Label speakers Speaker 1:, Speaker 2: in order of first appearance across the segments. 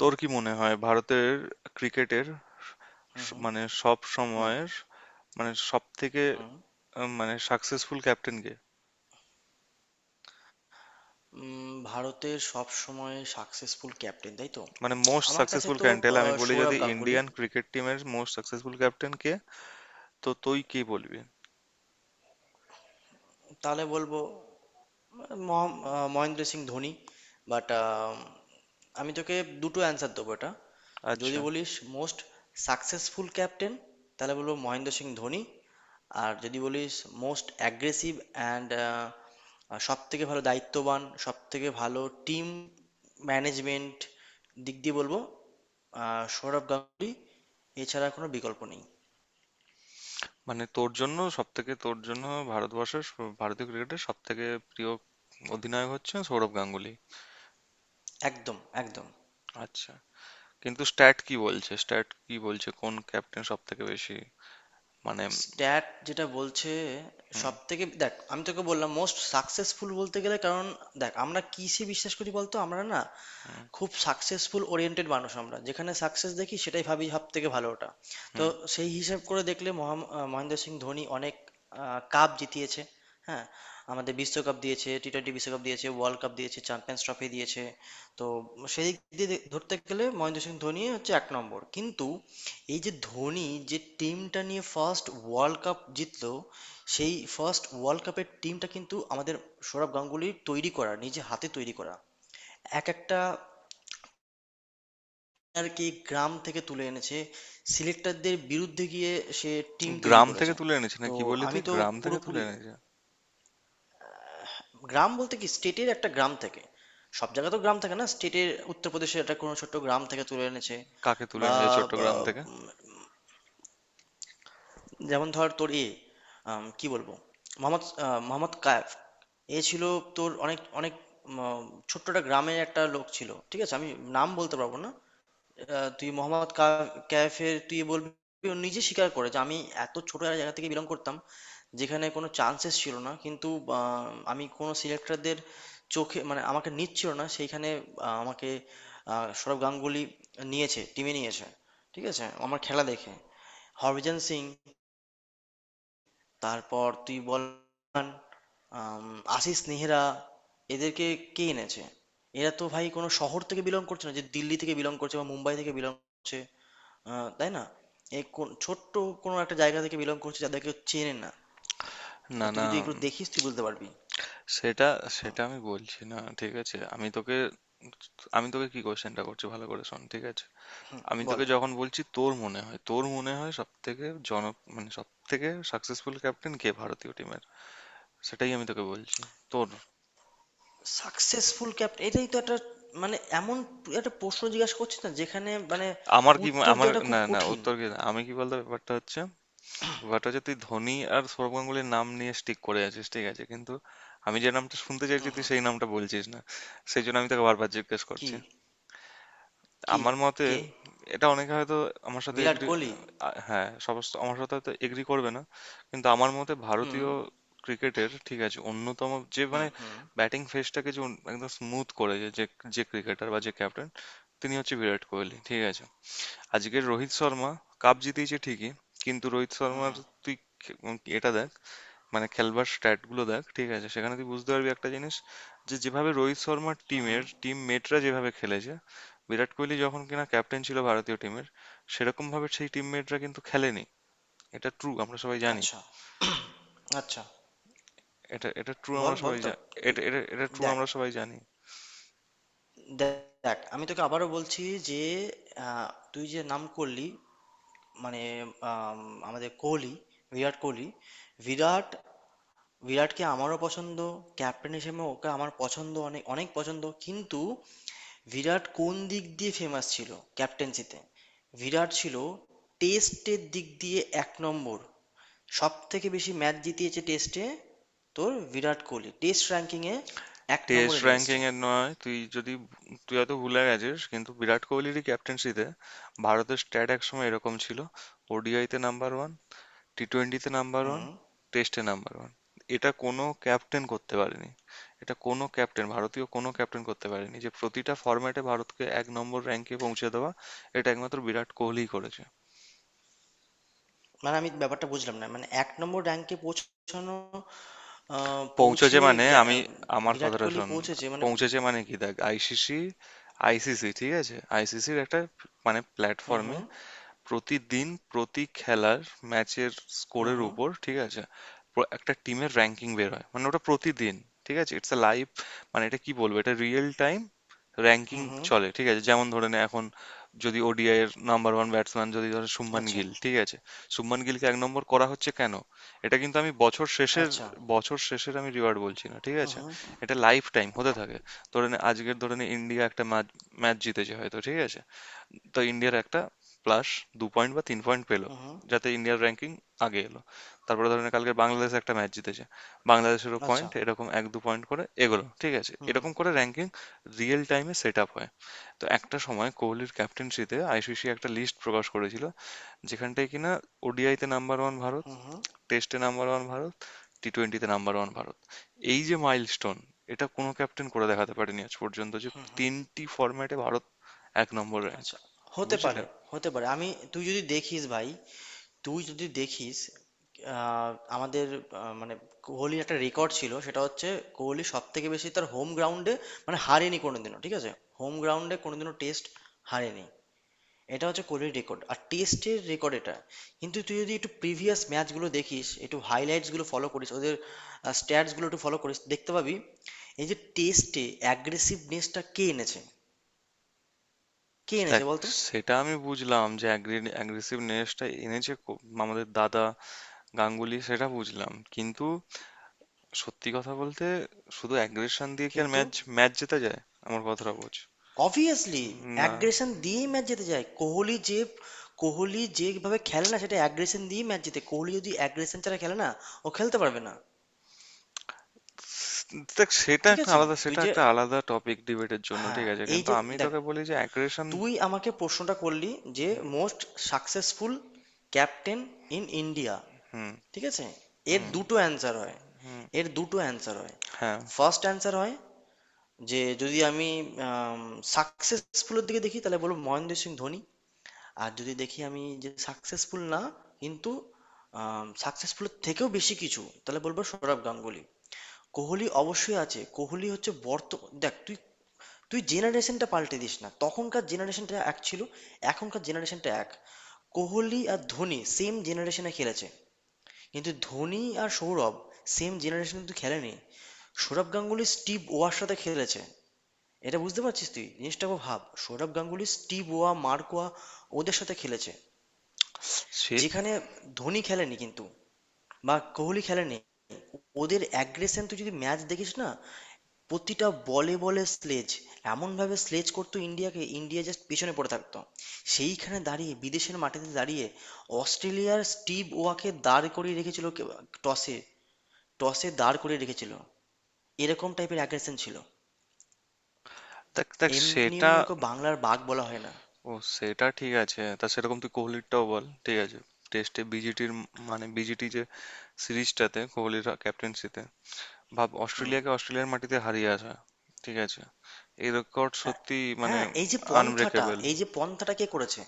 Speaker 1: তোর কি মনে হয় ভারতের ক্রিকেটের
Speaker 2: হুম,
Speaker 1: স-
Speaker 2: হুম,
Speaker 1: মানে সব
Speaker 2: হুম,
Speaker 1: সময়ের মানে সব থেকে
Speaker 2: হুম।
Speaker 1: আহ, মানে সাকসেসফুল ক্যাপ্টেন কে?
Speaker 2: ভারতের সব সময় সাকসেসফুল ক্যাপ্টেন, তাই তো?
Speaker 1: মানে মোস্ট
Speaker 2: আমার কাছে
Speaker 1: সাকসেসফুল
Speaker 2: তো
Speaker 1: ক্যাপ্টেন, আমি বলি যদি
Speaker 2: সৌরভ গাঙ্গুলি।
Speaker 1: ইন্ডিয়ান ক্রিকেট টিমের মোস্ট সাকসেসফুল ক্যাপ্টেন কে, তো তুই কি বলবি?
Speaker 2: তাহলে বলবো মহেন্দ্র সিং ধোনি। বাট আমি তোকে দুটো অ্যান্সার দেবো এটা। যদি
Speaker 1: আচ্ছা।
Speaker 2: বলিস মোস্ট সাকসেসফুল ক্যাপ্টেন, তাহলে বলবো মহেন্দ্র সিং ধোনি। আর যদি বলিস মোস্ট অ্যাগ্রেসিভ অ্যান্ড সব থেকে ভালো দায়িত্ববান, সব থেকে ভালো টিম ম্যানেজমেন্ট দিক দিয়ে, বলবো সৌরভ গাঙ্গুলি। এছাড়া কোনো বিকল্প নেই।
Speaker 1: মানে তোর জন্য সব থেকে, তোর জন্য ভারতবর্ষের ভারতীয় ক্রিকেটের সব থেকে প্রিয় অধিনায়ক হচ্ছেন সৌরভ গাঙ্গুলি।
Speaker 2: একদম, একদম।
Speaker 1: আচ্ছা, কিন্তু স্ট্যাট কি বলছে? স্ট্যাট কি বলছে কোন ক্যাপ্টেন সব থেকে বেশি, মানে?
Speaker 2: স্ট্যাট যেটা বলছে,
Speaker 1: হুম।
Speaker 2: সব থেকে দেখ, আমি তোকে বললাম মোস্ট সাকসেসফুল বলতে গেলে, কারণ দেখ, আমরা কিসে বিশ্বাস করি বলতো, আমরা না
Speaker 1: হুম।
Speaker 2: খুব সাকসেসফুল ওরিয়েন্টেড মানুষ, আমরা যেখানে সাকসেস দেখি সেটাই ভাবি সব থেকে ভালো ওটা। তো
Speaker 1: হুম।
Speaker 2: সেই হিসেব করে দেখলে মহেন্দ্র সিং ধোনি অনেক কাপ জিতিয়েছে। হ্যাঁ, আমাদের বিশ্বকাপ দিয়েছে, টি-টোয়েন্টি বিশ্বকাপ দিয়েছে, ওয়ার্ল্ড কাপ দিয়েছে, চ্যাম্পিয়ন্স ট্রফি দিয়েছে। তো সেই দিক দিয়ে ধরতে গেলে মহেন্দ্র সিং ধোনি হচ্ছে এক নম্বর। কিন্তু এই যে ধোনি যে টিমটা নিয়ে ফার্স্ট ওয়ার্ল্ড কাপ জিতলো, সেই ফার্স্ট ওয়ার্ল্ড কাপের টিমটা কিন্তু আমাদের সৌরভ গাঙ্গুলির তৈরি করা, নিজে হাতে তৈরি করা। এক একটা আর কি গ্রাম থেকে তুলে এনেছে, সিলেক্টারদের বিরুদ্ধে গিয়ে সে টিম তৈরি
Speaker 1: গ্রাম থেকে
Speaker 2: করেছে।
Speaker 1: তুলে এনেছে? না
Speaker 2: তো
Speaker 1: কি বললি
Speaker 2: আমি
Speaker 1: তুই,
Speaker 2: তো
Speaker 1: গ্রাম থেকে তুলে
Speaker 2: পুরোপুরি,
Speaker 1: এনেছে?
Speaker 2: গ্রাম বলতে কি, স্টেটের একটা গ্রাম থেকে, সব জায়গা তো গ্রাম থাকে না, স্টেটের উত্তরপ্রদেশের একটা কোনো ছোট্ট গ্রাম থেকে তুলে এনেছে।
Speaker 1: কাকে তুলে
Speaker 2: বা,
Speaker 1: এনেছে,
Speaker 2: বা,
Speaker 1: চট্টগ্রাম থেকে?
Speaker 2: উম, যেমন ধর তোর এ, কি বলবো, মোহাম্মদ কায়েফ এ ছিল তোর, অনেক অনেক উম, ছোট্ট একটা গ্রামের একটা লোক ছিল। ঠিক আছে, আমি নাম বলতে পারবো না। তুই কাইফের তুই বলবি, ও নিজে স্বীকার করে যে আমি এত ছোট একটা জায়গা থেকে বিলং করতাম, যেখানে কোনো চান্সেস ছিল না। কিন্তু আমি কোনো সিলেক্টরদের চোখে, মানে আমাকে নিচ্ছিল না সেইখানে আমাকে সৌরভ গাঙ্গুলি নিয়েছে, টিমে নিয়েছে। ঠিক আছে, আমার খেলা দেখে। হরভজন সিং, তারপর তুই বল, আম, আশিস নেহরা, এদেরকে কে এনেছে? এরা তো ভাই কোনো শহর থেকে বিলং করছে না, যে দিল্লি থেকে বিলং করছে বা মুম্বাই থেকে বিলং করছে। তাই না? এই কোন ছোট্ট কোনো একটা জায়গা থেকে বিলং করছে, যাদেরকে কেউ চেনে না।
Speaker 1: না,
Speaker 2: তা তুই
Speaker 1: না,
Speaker 2: যদি এগুলো দেখিস, তুই বুঝতে পারবি।
Speaker 1: সেটা, সেটা আমি বলছি না। ঠিক আছে, আমি তোকে, আমি তোকে কি কোশ্চেনটা করছি, ভালো করে শোন। ঠিক আছে, আমি
Speaker 2: বল।
Speaker 1: তোকে যখন বলছি, তোর মনে হয়, তোর মনে হয় সব থেকে জন, মানে সব থেকে সাকসেসফুল ক্যাপ্টেন কে ভারতীয় টিমের, সেটাই আমি তোকে বলছি। তোর,
Speaker 2: সাকসেসফুল ক্যাপ্টেন, এটাই তো একটা মানে এমন একটা প্রশ্ন জিজ্ঞাসা করছিস না, যেখানে মানে
Speaker 1: আমার কি
Speaker 2: উত্তর
Speaker 1: আমার
Speaker 2: দেওয়াটা খুব
Speaker 1: না না
Speaker 2: কঠিন।
Speaker 1: উত্তর কি আমি কি বলতে, ব্যাপারটা হচ্ছে, বাট হচ্ছে তুই ধোনি আর সৌরভ গাঙ্গুলির নাম নিয়ে স্টিক করে আছিস, ঠিক আছে? কিন্তু আমি যে নামটা শুনতে চাইছি তুই সেই নামটা বলছিস না, সেই জন্য আমি তোকে বারবার জিজ্ঞেস
Speaker 2: কি?
Speaker 1: করছি।
Speaker 2: কি?
Speaker 1: আমার মতে,
Speaker 2: কে?
Speaker 1: এটা অনেকে হয়তো আমার সাথে
Speaker 2: বিরাট
Speaker 1: এগ্রি,
Speaker 2: কোহলি।
Speaker 1: হ্যাঁ, সমস্ত আমার সাথে হয়তো এগ্রি করবে না, কিন্তু আমার মতে
Speaker 2: হুম,
Speaker 1: ভারতীয় ক্রিকেটের, ঠিক আছে, অন্যতম, যে
Speaker 2: হুম,
Speaker 1: মানে
Speaker 2: হুম,
Speaker 1: ব্যাটিং ফেসটাকে যে একদম স্মুথ করেছে, যে, যে, যে ক্রিকেটার বা যে ক্যাপ্টেন, তিনি হচ্ছে বিরাট কোহলি। ঠিক আছে? আজকের রোহিত শর্মা কাপ জিতেছে ঠিকই, কিন্তু রোহিত
Speaker 2: হুম,
Speaker 1: শর্মার
Speaker 2: হুম,
Speaker 1: তুই এটা দেখ, মানে খেলবার স্ট্যাট গুলো দেখ, ঠিক আছে? সেখানে তুই বুঝতে পারবি একটা জিনিস, যে যেভাবে রোহিত শর্মার
Speaker 2: হুম, হুম।
Speaker 1: টিমের টিম মেটরা যেভাবে খেলেছে, বিরাট কোহলি যখন কিনা ক্যাপ্টেন ছিল ভারতীয় টিমের, সেরকম ভাবে সেই টিম মেটরা কিন্তু খেলেনি। এটা ট্রু, আমরা সবাই জানি।
Speaker 2: আচ্ছা। আচ্ছা।
Speaker 1: এটা এটা ট্রু,
Speaker 2: বল,
Speaker 1: আমরা
Speaker 2: বল
Speaker 1: সবাই
Speaker 2: তো তুই।
Speaker 1: এটা এটা এটা ট্রু,
Speaker 2: দেখ,
Speaker 1: আমরা সবাই জানি।
Speaker 2: দেখ, দেখ, আমি তোকে আবারও বলছি যে আহ, তুই যে নাম করলি, মানে আম, আমাদের কোহলি, বিরাট কোহলি, বিরাট, বিরাটকে আমারও পছন্দ। ক্যাপ্টেন হিসেবে ওকে আমার পছন্দ, অনেক অনেক পছন্দ। কিন্তু বিরাট কোন দিক দিয়ে ফেমাস ছিল ক্যাপ্টেন্সিতে? বিরাট ছিল টেস্টের দিক দিয়ে এক নম্বর। সব থেকে বেশি ম্যাচ জিতিয়েছে টেস্টে। তোর বিরাট কোহলি টেস্ট র্যাঙ্কিংয়ে এক
Speaker 1: টেস্ট
Speaker 2: নম্বরে নিয়ে এসছে।
Speaker 1: র্যাঙ্কিং এর নয়, তুই যদি, তুই হয়তো ভুলে গেছিস, কিন্তু বিরাট কোহলিরই ক্যাপ্টেন্সিতে ভারতের স্ট্যাট একসময় এরকম ছিল: ওডিআইতে নাম্বার ওয়ান, টি-টোয়েন্টিতে নাম্বার ওয়ান,
Speaker 2: হুম।
Speaker 1: টেস্টে নাম্বার ওয়ান। এটা কোনো ক্যাপ্টেন করতে পারেনি। এটা কোনো ক্যাপ্টেন, ভারতীয় কোনো ক্যাপ্টেন করতে পারেনি, যে প্রতিটা ফরম্যাটে ভারতকে 1 নম্বর র্যাঙ্কে পৌঁছে দেওয়া, এটা একমাত্র বিরাট কোহলিই করেছে।
Speaker 2: মানে আমি ব্যাপারটা বুঝলাম না, মানে এক নম্বর র্যাঙ্কে পৌঁছানো
Speaker 1: পৌঁছেছে
Speaker 2: পৌঁছে
Speaker 1: মানে,
Speaker 2: গে-
Speaker 1: আমি,
Speaker 2: আহ,
Speaker 1: আমার
Speaker 2: বিরাট
Speaker 1: কথাটা
Speaker 2: কোহলি
Speaker 1: শোন,
Speaker 2: পৌঁছেছে মানে?
Speaker 1: পৌঁছেছে মানে কি দেখ, আইসিসি, আইসিসি, ঠিক আছে, আইসিসির একটা মানে
Speaker 2: হুম,
Speaker 1: প্ল্যাটফর্মে,
Speaker 2: হুম,
Speaker 1: প্রতিদিন প্রতি খেলার ম্যাচের
Speaker 2: হুম,
Speaker 1: স্কোরের
Speaker 2: হুম,
Speaker 1: উপর, ঠিক আছে, একটা টিমের র্যাঙ্কিং বের হয়, মানে ওটা প্রতিদিন, ঠিক আছে, ইটস আ লাইভ, মানে এটা কি বলবো, এটা রিয়েল টাইম র্যাঙ্কিং
Speaker 2: হুম, হুম।
Speaker 1: চলে। ঠিক আছে, যেমন ধরে নে এখন, যদি ওডিআই এর নাম্বার ওয়ান ব্যাটসম্যান যদি ধরো শুভমান
Speaker 2: আচ্ছা,
Speaker 1: গিল, ঠিক আছে, শুভমান গিলকে 1 নম্বর করা হচ্ছে কেন? এটা কিন্তু আমি বছর শেষের,
Speaker 2: আচ্ছা।
Speaker 1: বছর শেষের আমি রিওয়ার্ড বলছি না, ঠিক
Speaker 2: হুম,
Speaker 1: আছে?
Speaker 2: হুম,
Speaker 1: এটা লাইফ টাইম হতে থাকে। ধরে নে, আজকের ধরে নে ইন্ডিয়া একটা ম্যাচ জিতেছে হয়তো, ঠিক আছে, তো ইন্ডিয়ার একটা প্লাস 2 পয়েন্ট বা 3 পয়েন্ট পেলো,
Speaker 2: হুম, হুম।
Speaker 1: যাতে ইন্ডিয়ার র্যাঙ্কিং আগে এলো। তারপরে ধরেন কালকে বাংলাদেশ একটা ম্যাচ জিতেছে, বাংলাদেশেরও
Speaker 2: আচ্ছা।
Speaker 1: পয়েন্ট এরকম 1-2 পয়েন্ট করে এগোলো, ঠিক আছে,
Speaker 2: হুম,
Speaker 1: এরকম
Speaker 2: হুম,
Speaker 1: করে র্যাঙ্কিং রিয়েল টাইমে সেট আপ হয়। তো একটা সময় কোহলির ক্যাপ্টেন্সিতে আইসিসি একটা লিস্ট প্রকাশ করেছিল, যেখানটায় কিনা ওডিআইতে নাম্বার ওয়ান ভারত,
Speaker 2: হুম, হুম।
Speaker 1: টেস্টে নাম্বার ওয়ান ভারত, টি টোয়েন্টিতে নাম্বার ওয়ান ভারত। এই যে মাইলস্টোন, এটা কোনো ক্যাপ্টেন করে দেখাতে পারেনি আজ পর্যন্ত, যে তিনটি ফরম্যাটে ভারত 1 নম্বর র্যাঙ্ক,
Speaker 2: আচ্ছা, হতে
Speaker 1: বুঝলে?
Speaker 2: পারে, হতে পারে। আমি, তুই যদি দেখিস ভাই, তুই যদি দেখিস, আহ, আমাদের মানে কোহলির একটা রেকর্ড ছিল, সেটা হচ্ছে কোহলি সব থেকে বেশি তার হোম গ্রাউন্ডে মানে হারেনি কোনোদিনও। ঠিক আছে, হোম গ্রাউন্ডে কোনোদিনও টেস্ট হারেনি। এটা হচ্ছে কোহলির রেকর্ড, আর টেস্টের রেকর্ড এটা। কিন্তু তুই যদি একটু প্রিভিয়াস ম্যাচগুলো দেখিস, একটু হাইলাইটসগুলো ফলো করিস ওদের, স্ট্যাটসগুলো একটু ফলো করিস, দেখতে পাবি। এই যে টেস্টে অ্যাগ্রেসিভনেসটা কে এনেছে? কে
Speaker 1: দেখ,
Speaker 2: এনেছে বলতো?
Speaker 1: সেটা আমি বুঝলাম, যে অ্যাগ্রেসিভনেসটা এনেছে আমাদের দাদা গাঙ্গুলি, সেটা বুঝলাম, কিন্তু সত্যি কথা বলতে, শুধু অ্যাগ্রেশন দিয়ে কি আর
Speaker 2: কিন্তু
Speaker 1: ম্যাচ ম্যাচ জেতা যায়? আমার কথাটা বোঝ।
Speaker 2: অবভিয়াসলি
Speaker 1: না,
Speaker 2: অ্যাগ্রেশন দিয়েই ম্যাচ জিতে যায় কোহলি, যে কোহলি যেভাবে খেলে না, সেটা অ্যাগ্রেশন দিয়েই ম্যাচ জিতে। কোহলি যদি অ্যাগ্রেশন ছাড়া খেলে না, ও খেলতে পারবে না।
Speaker 1: দেখ, সেটা
Speaker 2: ঠিক
Speaker 1: একটা
Speaker 2: আছে,
Speaker 1: আলাদা,
Speaker 2: তুই
Speaker 1: সেটা
Speaker 2: যে,
Speaker 1: একটা আলাদা টপিক ডিবেটের জন্য, ঠিক
Speaker 2: হ্যাঁ,
Speaker 1: আছে,
Speaker 2: এই
Speaker 1: কিন্তু
Speaker 2: যে
Speaker 1: আমি
Speaker 2: দেখ,
Speaker 1: তোকে বলি যে অ্যাগ্রেশন।
Speaker 2: তুই আমাকে প্রশ্নটা করলি যে
Speaker 1: হুম।
Speaker 2: Most successful captain in India.
Speaker 1: হুম।
Speaker 2: ঠিক আছে, এর
Speaker 1: হুম।
Speaker 2: দুটো অ্যান্সার হয়,
Speaker 1: হুম,
Speaker 2: এর দুটো অ্যান্সার হয়।
Speaker 1: হ্যাঁ।
Speaker 2: ফার্স্ট অ্যান্সার হয় যে, যদি আমি সাকসেসফুলের দিকে দেখি, তাহলে বলবো মহেন্দ্র সিং ধোনি। আর যদি দেখি আমি যে সাকসেসফুল না, কিন্তু সাকসেসফুলের থেকেও বেশি কিছু, তাহলে বলবো সৌরভ গাঙ্গুলি। কোহলি অবশ্যই আছে, কোহলি হচ্ছে দেখ তুই, তুই জেনারেশনটা পাল্টে দিস না। তখনকার জেনারেশনটা এক ছিল, এখনকার জেনারেশনটা এক। কোহলি আর ধোনি সেম জেনারেশনে খেলেছে, কিন্তু ধোনি আর সৌরভ সেম জেনারেশনে কিন্তু খেলেনি। সৌরভ গাঙ্গুলি স্টিভ ওয়ার সাথে খেলেছে। এটা বুঝতে পারছিস, তুই জিনিসটা খুব ভাব। সৌরভ গাঙ্গুলি স্টিভ ওয়া, মার্কোয়া, ওদের সাথে খেলেছে,
Speaker 1: সে
Speaker 2: যেখানে ধোনি খেলেনি কিন্তু, বা কোহলি খেলেনি। ওদের অ্যাগ্রেশন তুই যদি ম্যাচ দেখিস না, প্রতিটা বলে বলে স্লেজ, এমনভাবে স্লেজ করতো ইন্ডিয়াকে, ইন্ডিয়া জাস্ট পেছনে পড়ে থাকতো। সেইখানে দাঁড়িয়ে, বিদেশের মাটিতে দাঁড়িয়ে অস্ট্রেলিয়ার স্টিভ ওয়াকে দাঁড় করিয়ে রেখেছিল টসে, টসে দাঁড় করিয়ে রেখেছিল। এরকম টাইপের অ্যাগ্রেশন ছিল।
Speaker 1: দেখ, দেখ,
Speaker 2: এমনি
Speaker 1: সেটা,
Speaker 2: এমনি ওকে বাংলার বাঘ বলা হয় না।
Speaker 1: ও সেটা ঠিক আছে, তা সেরকম তুই কোহলিরটাও বল, ঠিক আছে? টেস্টে বিজিটির, মানে বিজিটি যে সিরিজটাতে কোহলির ক্যাপ্টেন্সিতে ভাব,
Speaker 2: হুম।
Speaker 1: অস্ট্রেলিয়াকে অস্ট্রেলিয়ার মাটিতে হারিয়ে আসা, ঠিক আছে? এই রেকর্ড
Speaker 2: হ্যাঁ।
Speaker 1: সত্যি মানে
Speaker 2: হ্যাঁ, এই যে পন্থাটা,
Speaker 1: আনব্রেকেবল।
Speaker 2: এই যে পন্থাটা কে করেছে?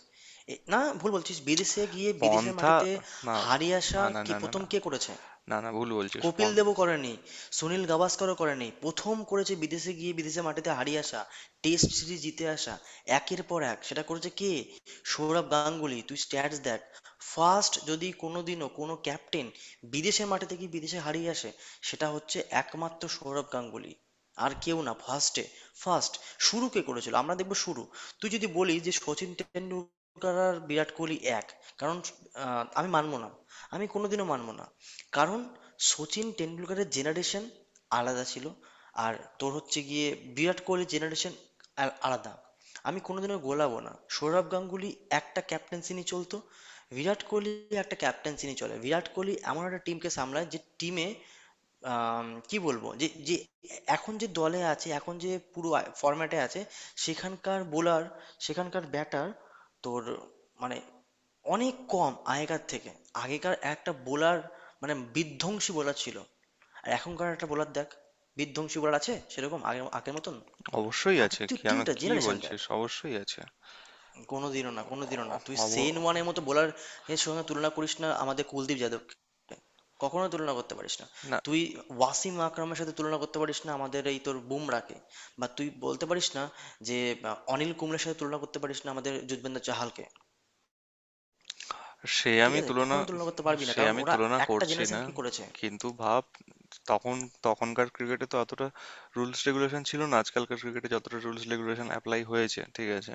Speaker 2: না, ভুল বলছিস। বিদেশে গিয়ে বিদেশের
Speaker 1: পন্থা,
Speaker 2: মাটিতে
Speaker 1: না,
Speaker 2: হারিয়ে আসা
Speaker 1: না, না,
Speaker 2: কি
Speaker 1: না, না,
Speaker 2: প্রথম
Speaker 1: না,
Speaker 2: কে করেছে?
Speaker 1: না না ভুল বলছিস,
Speaker 2: কপিল দেবও করেনি, সুনীল গাভাস্করও করেনি। প্রথম করেছে বিদেশে গিয়ে বিদেশে মাটিতে হারিয়ে আসা, টেস্ট সিরিজ জিতে আসা একের পর এক, সেটা করেছে কে? সৌরভ গাঙ্গুলি। তুই স্ট্যাটস দেখ। ফার্স্ট, যদি কোনোদিনও কোনো ক্যাপ্টেন বিদেশে মাটিতে গিয়ে বিদেশে হারিয়ে আসে, সেটা হচ্ছে একমাত্র সৌরভ গাঙ্গুলি, আর কেউ না, ফার্স্টে। ফার্স্ট, শুরু কে করেছিল আমরা দেখবো, শুরু। তুই যদি বলি যে সচিন টেন্ডুলকার আর বিরাট কোহলি এক, কারণ, আমি মানবো না, আমি কোনোদিনও মানবো না। কারণ সচিন টেন্ডুলকারের জেনারেশন আলাদা ছিল, আর তোর হচ্ছে গিয়ে বিরাট কোহলির জেনারেশন আলাদা। আমি কোনোদিনও গোলাবো না। সৌরভ গাঙ্গুলি একটা ক্যাপ্টেন্সি নিয়ে চলতো, বিরাট কোহলি একটা ক্যাপ্টেন্সি নিয়ে চলে। বিরাট কোহলি এমন একটা টিমকে সামলায় যে টিমে, আম কি বলবো, যে যে এখন যে দলে আছে, এখন যে পুরো ফরম্যাটে আছে, সেখানকার বোলার, সেখানকার ব্যাটার, তোর মানে অনেক কম আগেকার থেকে। আগেকার একটা বোলার, মানে বিধ্বংসী বোলার ছিল, আর এখনকার একটা বোলার দেখ, বিধ্বংসী বোলার আছে সেরকম আগের, আগের মতন?
Speaker 1: অবশ্যই
Speaker 2: আগের
Speaker 1: আছে,
Speaker 2: তুই
Speaker 1: কেন
Speaker 2: টিমটা
Speaker 1: কি
Speaker 2: জেনারেশন দেখ।
Speaker 1: বলছিস, অবশ্যই আছে।
Speaker 2: কোনোদিনও না, কোনোদিনও না।
Speaker 1: অ-
Speaker 2: তুই
Speaker 1: অব-
Speaker 2: সেন ওয়ানের মতো বোলার এর সঙ্গে তুলনা করিস না আমাদের কুলদীপ যাদবকে, কখনো তুলনা করতে পারিস না।
Speaker 1: না।
Speaker 2: তুই ওয়াসিম আকরামের সাথে তুলনা করতে পারিস না আমাদের এই তোর বুমরাকে। বা তুই বলতে পারিস না যে অনিল কুম্বলের সাথে তুলনা করতে পারিস না আমাদের যুজবেন্দ্র চাহালকে।
Speaker 1: সে
Speaker 2: ঠিক
Speaker 1: আমি
Speaker 2: আছে,
Speaker 1: তুলনা,
Speaker 2: কখনো তুলনা করতে পারবি না,
Speaker 1: সে
Speaker 2: কারণ
Speaker 1: আমি
Speaker 2: ওরা
Speaker 1: তুলনা
Speaker 2: একটা
Speaker 1: করছি
Speaker 2: জেনারেশন
Speaker 1: না,
Speaker 2: কি করেছে।
Speaker 1: কিন্তু ভাব, তখন, তখনকার ক্রিকেটে তো অতটা রুলস রেগুলেশন ছিল না, আজকালকার ক্রিকেটে যতটা রুলস রেগুলেশন অ্যাপ্লাই হয়েছে, ঠিক আছে?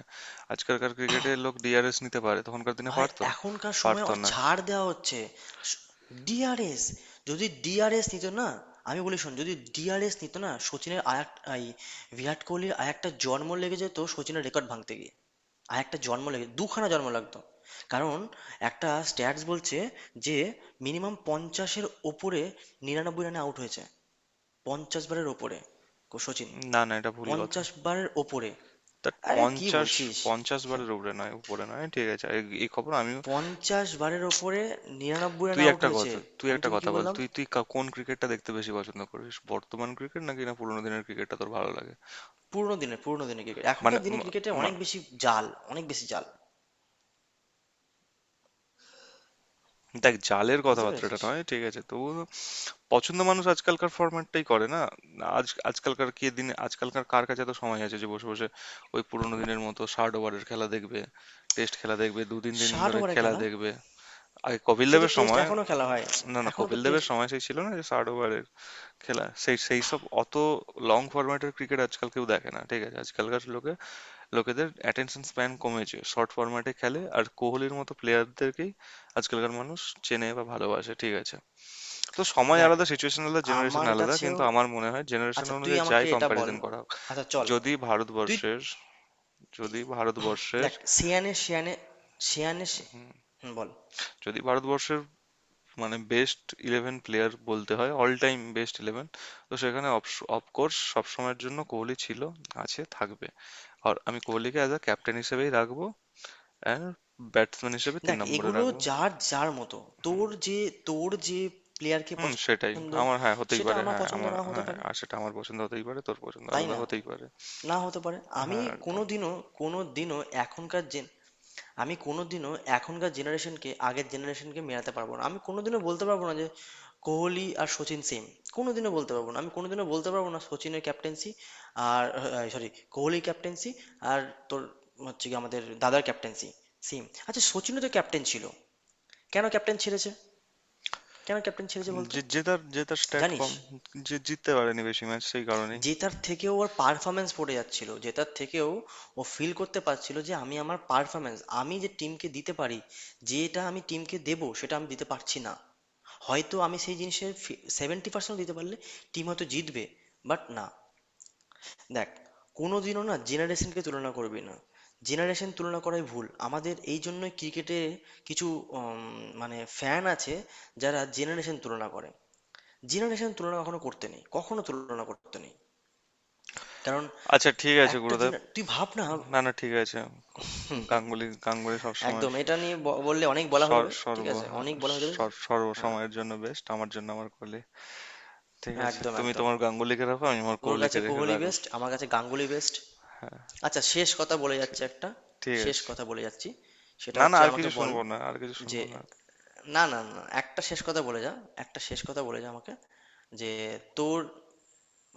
Speaker 1: আজকালকার ক্রিকেটে লোক ডিআরএস নিতে পারে, তখনকার দিনে
Speaker 2: ভাই
Speaker 1: পারতো,
Speaker 2: এখনকার সময়ে
Speaker 1: পারতো
Speaker 2: অনেক
Speaker 1: না।
Speaker 2: ছাড় দেওয়া হচ্ছে। ডিআরএস, যদি ডিআরএস নিত না, আমি বলি শোন, যদি ডিআরএস নিত না, সচিনের আর এই বিরাট কোহলির আর একটা জন্ম লেগে যেত সচিনের রেকর্ড ভাঙতে গিয়ে, আর একটা জন্ম লেগে, দুখানা জন্ম লাগতো। কারণ একটা স্ট্যাটস বলছে যে মিনিমাম 50-এর ওপরে, 99 রানে আউট হয়েছে 50 বারের ওপরে সচিন।
Speaker 1: না, না, এটা ভুল কথা।
Speaker 2: পঞ্চাশ বারের ওপরে।
Speaker 1: তা
Speaker 2: আরে কি
Speaker 1: পঞ্চাশ
Speaker 2: বলছিস,
Speaker 1: পঞ্চাশ বারের উপরে নয়, উপরে নয়, ঠিক আছে, এই, এই খবর আমিও।
Speaker 2: 50 বারের ওপরে নিরানব্বই রান
Speaker 1: তুই
Speaker 2: আউট
Speaker 1: একটা
Speaker 2: হয়েছে।
Speaker 1: কথা, তুই
Speaker 2: আমি
Speaker 1: একটা
Speaker 2: তোকে কি
Speaker 1: কথা বল
Speaker 2: বললাম,
Speaker 1: তুই তুই কোন ক্রিকেটটা দেখতে বেশি পছন্দ করিস, বর্তমান ক্রিকেট নাকি না পুরোনো দিনের ক্রিকেটটা তোর ভালো লাগে?
Speaker 2: পুরোনো দিনে, পুরোনো দিনে ক্রিকেট, এখনকার দিনে ক্রিকেটে
Speaker 1: মানে,
Speaker 2: অনেক বেশি জাল, অনেক বেশি জাল।
Speaker 1: দেখ, জালের
Speaker 2: বুঝতে
Speaker 1: কথাবার্তাটা
Speaker 2: পেরেছিস?
Speaker 1: নয়, ঠিক আছে, তবু পছন্দ মানুষ আজকালকার ফরম্যাটটাই করে না। আজ, আজকালকার কে দিনে আজকালকার কার কাছে এত সময় আছে যে বসে বসে ওই পুরোনো দিনের মতো 60 ওভারের খেলা দেখবে, টেস্ট খেলা দেখবে, 2 দিন 3 দিন
Speaker 2: ষাট
Speaker 1: ধরে
Speaker 2: ওভারের
Speaker 1: খেলা
Speaker 2: খেলা?
Speaker 1: দেখবে? আগে কপিল
Speaker 2: সে তো
Speaker 1: দেবের
Speaker 2: টেস্ট
Speaker 1: সময়,
Speaker 2: এখনো খেলা হয়।
Speaker 1: না না,
Speaker 2: এখনো তো
Speaker 1: কপিল দেবের
Speaker 2: টেস্ট।
Speaker 1: সময় সেই ছিল না যে 60 ওভারের খেলা, সেই সেই সব অত লং ফরম্যাটের ক্রিকেট আজকাল কেউ দেখে না, ঠিক আছে, আজকালকার লোকে, লোকেদের অ্যাটেনশন স্প্যান কমেছে, শর্ট ফরম্যাটে খেলে আর কোহলির মতো প্লেয়ারদেরকেই আজকালকার মানুষ চেনে বা ভালোবাসে, ঠিক আছে? তো সময়
Speaker 2: দেখ
Speaker 1: আলাদা, সিচুয়েশন আলাদা, জেনারেশন
Speaker 2: আমার
Speaker 1: আলাদা,
Speaker 2: কাছেও,
Speaker 1: কিন্তু আমার মনে হয় জেনারেশন
Speaker 2: আচ্ছা তুই
Speaker 1: অনুযায়ী যাই
Speaker 2: আমাকে এটা বল,
Speaker 1: কম্প্যারিজন করা হোক,
Speaker 2: আচ্ছা চল
Speaker 1: যদি
Speaker 2: তুই
Speaker 1: ভারতবর্ষের যদি ভারতবর্ষের
Speaker 2: দেখ। সেয়ানে সেয়ানে, সেয়ানে সে-
Speaker 1: হুম,
Speaker 2: হুম, বল।
Speaker 1: যদি ভারতবর্ষের মানে বেস্ট ইলেভেন প্লেয়ার বলতে হয়, অল টাইম বেস্ট ইলেভেন, তো সেখানে অফকোর্স সবসময়ের জন্য কোহলি ছিল, আছে, থাকবে। আর আমি কোহলিকে অ্যাজ আ ক্যাপ্টেন হিসেবেই রাখবো, অ্যান্ড ব্যাটসম্যান হিসেবে তিন
Speaker 2: দেখ
Speaker 1: নম্বরে
Speaker 2: এগুলো
Speaker 1: রাখবো।
Speaker 2: যার যার মতো।
Speaker 1: হুম।
Speaker 2: তোর যে, তোর যে প্লেয়ারকে
Speaker 1: হুম, সেটাই।
Speaker 2: পছন্দ,
Speaker 1: আমার, হ্যাঁ, হতেই
Speaker 2: সেটা
Speaker 1: পারে।
Speaker 2: আমার
Speaker 1: হ্যাঁ,
Speaker 2: পছন্দ
Speaker 1: আমার,
Speaker 2: না হতে
Speaker 1: হ্যাঁ,
Speaker 2: পারে,
Speaker 1: আর সেটা আমার পছন্দ হতেই পারে, তোর পছন্দ
Speaker 2: তাই
Speaker 1: আলাদা
Speaker 2: না?
Speaker 1: হতেই পারে।
Speaker 2: না হতে পারে। আমি
Speaker 1: হ্যাঁ, একদম।
Speaker 2: কোনোদিনও, কোনোদিনও, এখনকার জেন আমি কোনোদিনও এখনকার জেনারেশনকে আগের জেনারেশনকে মেলাতে পারবো না। আমি কোনোদিনও বলতে পারবো না যে কোহলি আর সচিন সেম। কোনোদিনও বলতে পারবো না। আমি কোনোদিনও বলতে পারবো না সচিনের ক্যাপ্টেন্সি আর, সরি, কোহলির ক্যাপ্টেন্সি আর তোর হচ্ছে কি আমাদের দাদার ক্যাপ্টেন্সি সেম। আচ্ছা সচিনও তো ক্যাপ্টেন ছিল। কেন ক্যাপ্টেন ছেড়েছে? কেন ক্যাপ্টেন ছেড়েছে বলতো?
Speaker 1: যে, যে তার, যে তার স্ট্যাট
Speaker 2: জানিস?
Speaker 1: কম, যে জিততে পারেনি বেশি ম্যাচ সেই কারণেই।
Speaker 2: জেতার থেকেও ওর পারফরমেন্স পড়ে যাচ্ছিল। জেতার থেকেও ও ফিল করতে পারছিল যে আমি আমার পারফরমেন্স, আমি যে টিমকে দিতে পারি, যেটা আমি টিমকে দেবো, সেটা আমি দিতে পারছি না। হয়তো আমি সেই জিনিসের 70% দিতে পারলে টিম হয়তো জিতবে। বাট না, দেখ, কোনোদিনও না জেনারেশনকে তুলনা করবি না। জেনারেশন তুলনা করাই ভুল। আমাদের এই জন্যই ক্রিকেটে কিছু মানে ফ্যান আছে যারা জেনারেশন তুলনা করে। জেনারেশন তুলনা কখনো করতে নেই, কখনো তুলনা করতে নেই। কারণ
Speaker 1: আচ্ছা, ঠিক আছে
Speaker 2: একটা
Speaker 1: গুরুদেব।
Speaker 2: জিন তুই ভাব না,
Speaker 1: না না, ঠিক আছে। গাঙ্গুলি গাঙ্গুলি সবসময়
Speaker 2: একদম এটা নিয়ে বললে অনেক বলা হয়ে যাবে। ঠিক
Speaker 1: সর্ব,
Speaker 2: আছে,
Speaker 1: হ্যাঁ,
Speaker 2: অনেক বলা হয়ে যাবে। হ্যাঁ।
Speaker 1: সর্বসময়ের জন্য বেস্ট, আমার জন্য আমার কোহলি। ঠিক
Speaker 2: হ্যাঁ,
Speaker 1: আছে,
Speaker 2: একদম,
Speaker 1: তুমি
Speaker 2: একদম।
Speaker 1: তোমার গাঙ্গুলিকে রাখো, আমি আমার
Speaker 2: তোর
Speaker 1: কোহলিকে
Speaker 2: কাছে
Speaker 1: রেখে
Speaker 2: কোহলি
Speaker 1: রাখলাম।
Speaker 2: বেস্ট, আমার কাছে গাঙ্গুলি বেস্ট।
Speaker 1: হ্যাঁ,
Speaker 2: আচ্ছা শেষ কথা বলে
Speaker 1: ঠিক,
Speaker 2: যাচ্ছে একটা,
Speaker 1: ঠিক
Speaker 2: শেষ
Speaker 1: আছে।
Speaker 2: কথা বলে যাচ্ছি, সেটা
Speaker 1: না না,
Speaker 2: হচ্ছে
Speaker 1: আর
Speaker 2: আমাকে
Speaker 1: কিছু
Speaker 2: বল
Speaker 1: শুনবো না, আর কিছু
Speaker 2: যে।
Speaker 1: শুনবো না।
Speaker 2: না না না, একটা শেষ কথা বলে যা, একটা শেষ কথা বলে যা আমাকে, যে তোর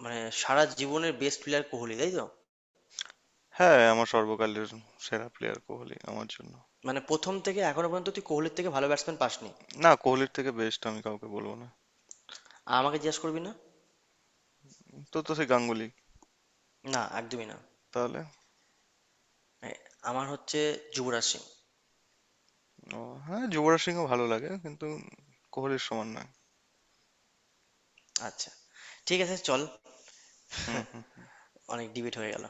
Speaker 2: মানে সারা জীবনের বেস্ট প্লেয়ার কোহলি, তাই তো?
Speaker 1: হ্যাঁ, আমার সর্বকালের সেরা প্লেয়ার কোহলি আমার জন্য।
Speaker 2: মানে প্রথম থেকে এখনো পর্যন্ত তুই কোহলির থেকে ভালো ব্যাটসম্যান পাসনি?
Speaker 1: না, কোহলির থেকে বেস্ট আমি কাউকে বলবো না।
Speaker 2: আর আমাকে জিজ্ঞাসা করবি না।
Speaker 1: তো তো সেই গাঙ্গুলি
Speaker 2: না, একদমই না।
Speaker 1: তাহলে?
Speaker 2: এ, আমার হচ্ছে যুবরাজ সিং।
Speaker 1: ও, হ্যাঁ, যুবরাজ সিংও ভালো লাগে, কিন্তু কোহলির সমান নয়।
Speaker 2: আচ্ছা, ঠিক আছে, চল।
Speaker 1: হুম। হুম।
Speaker 2: অনেক ডিবেট হয়ে গেল।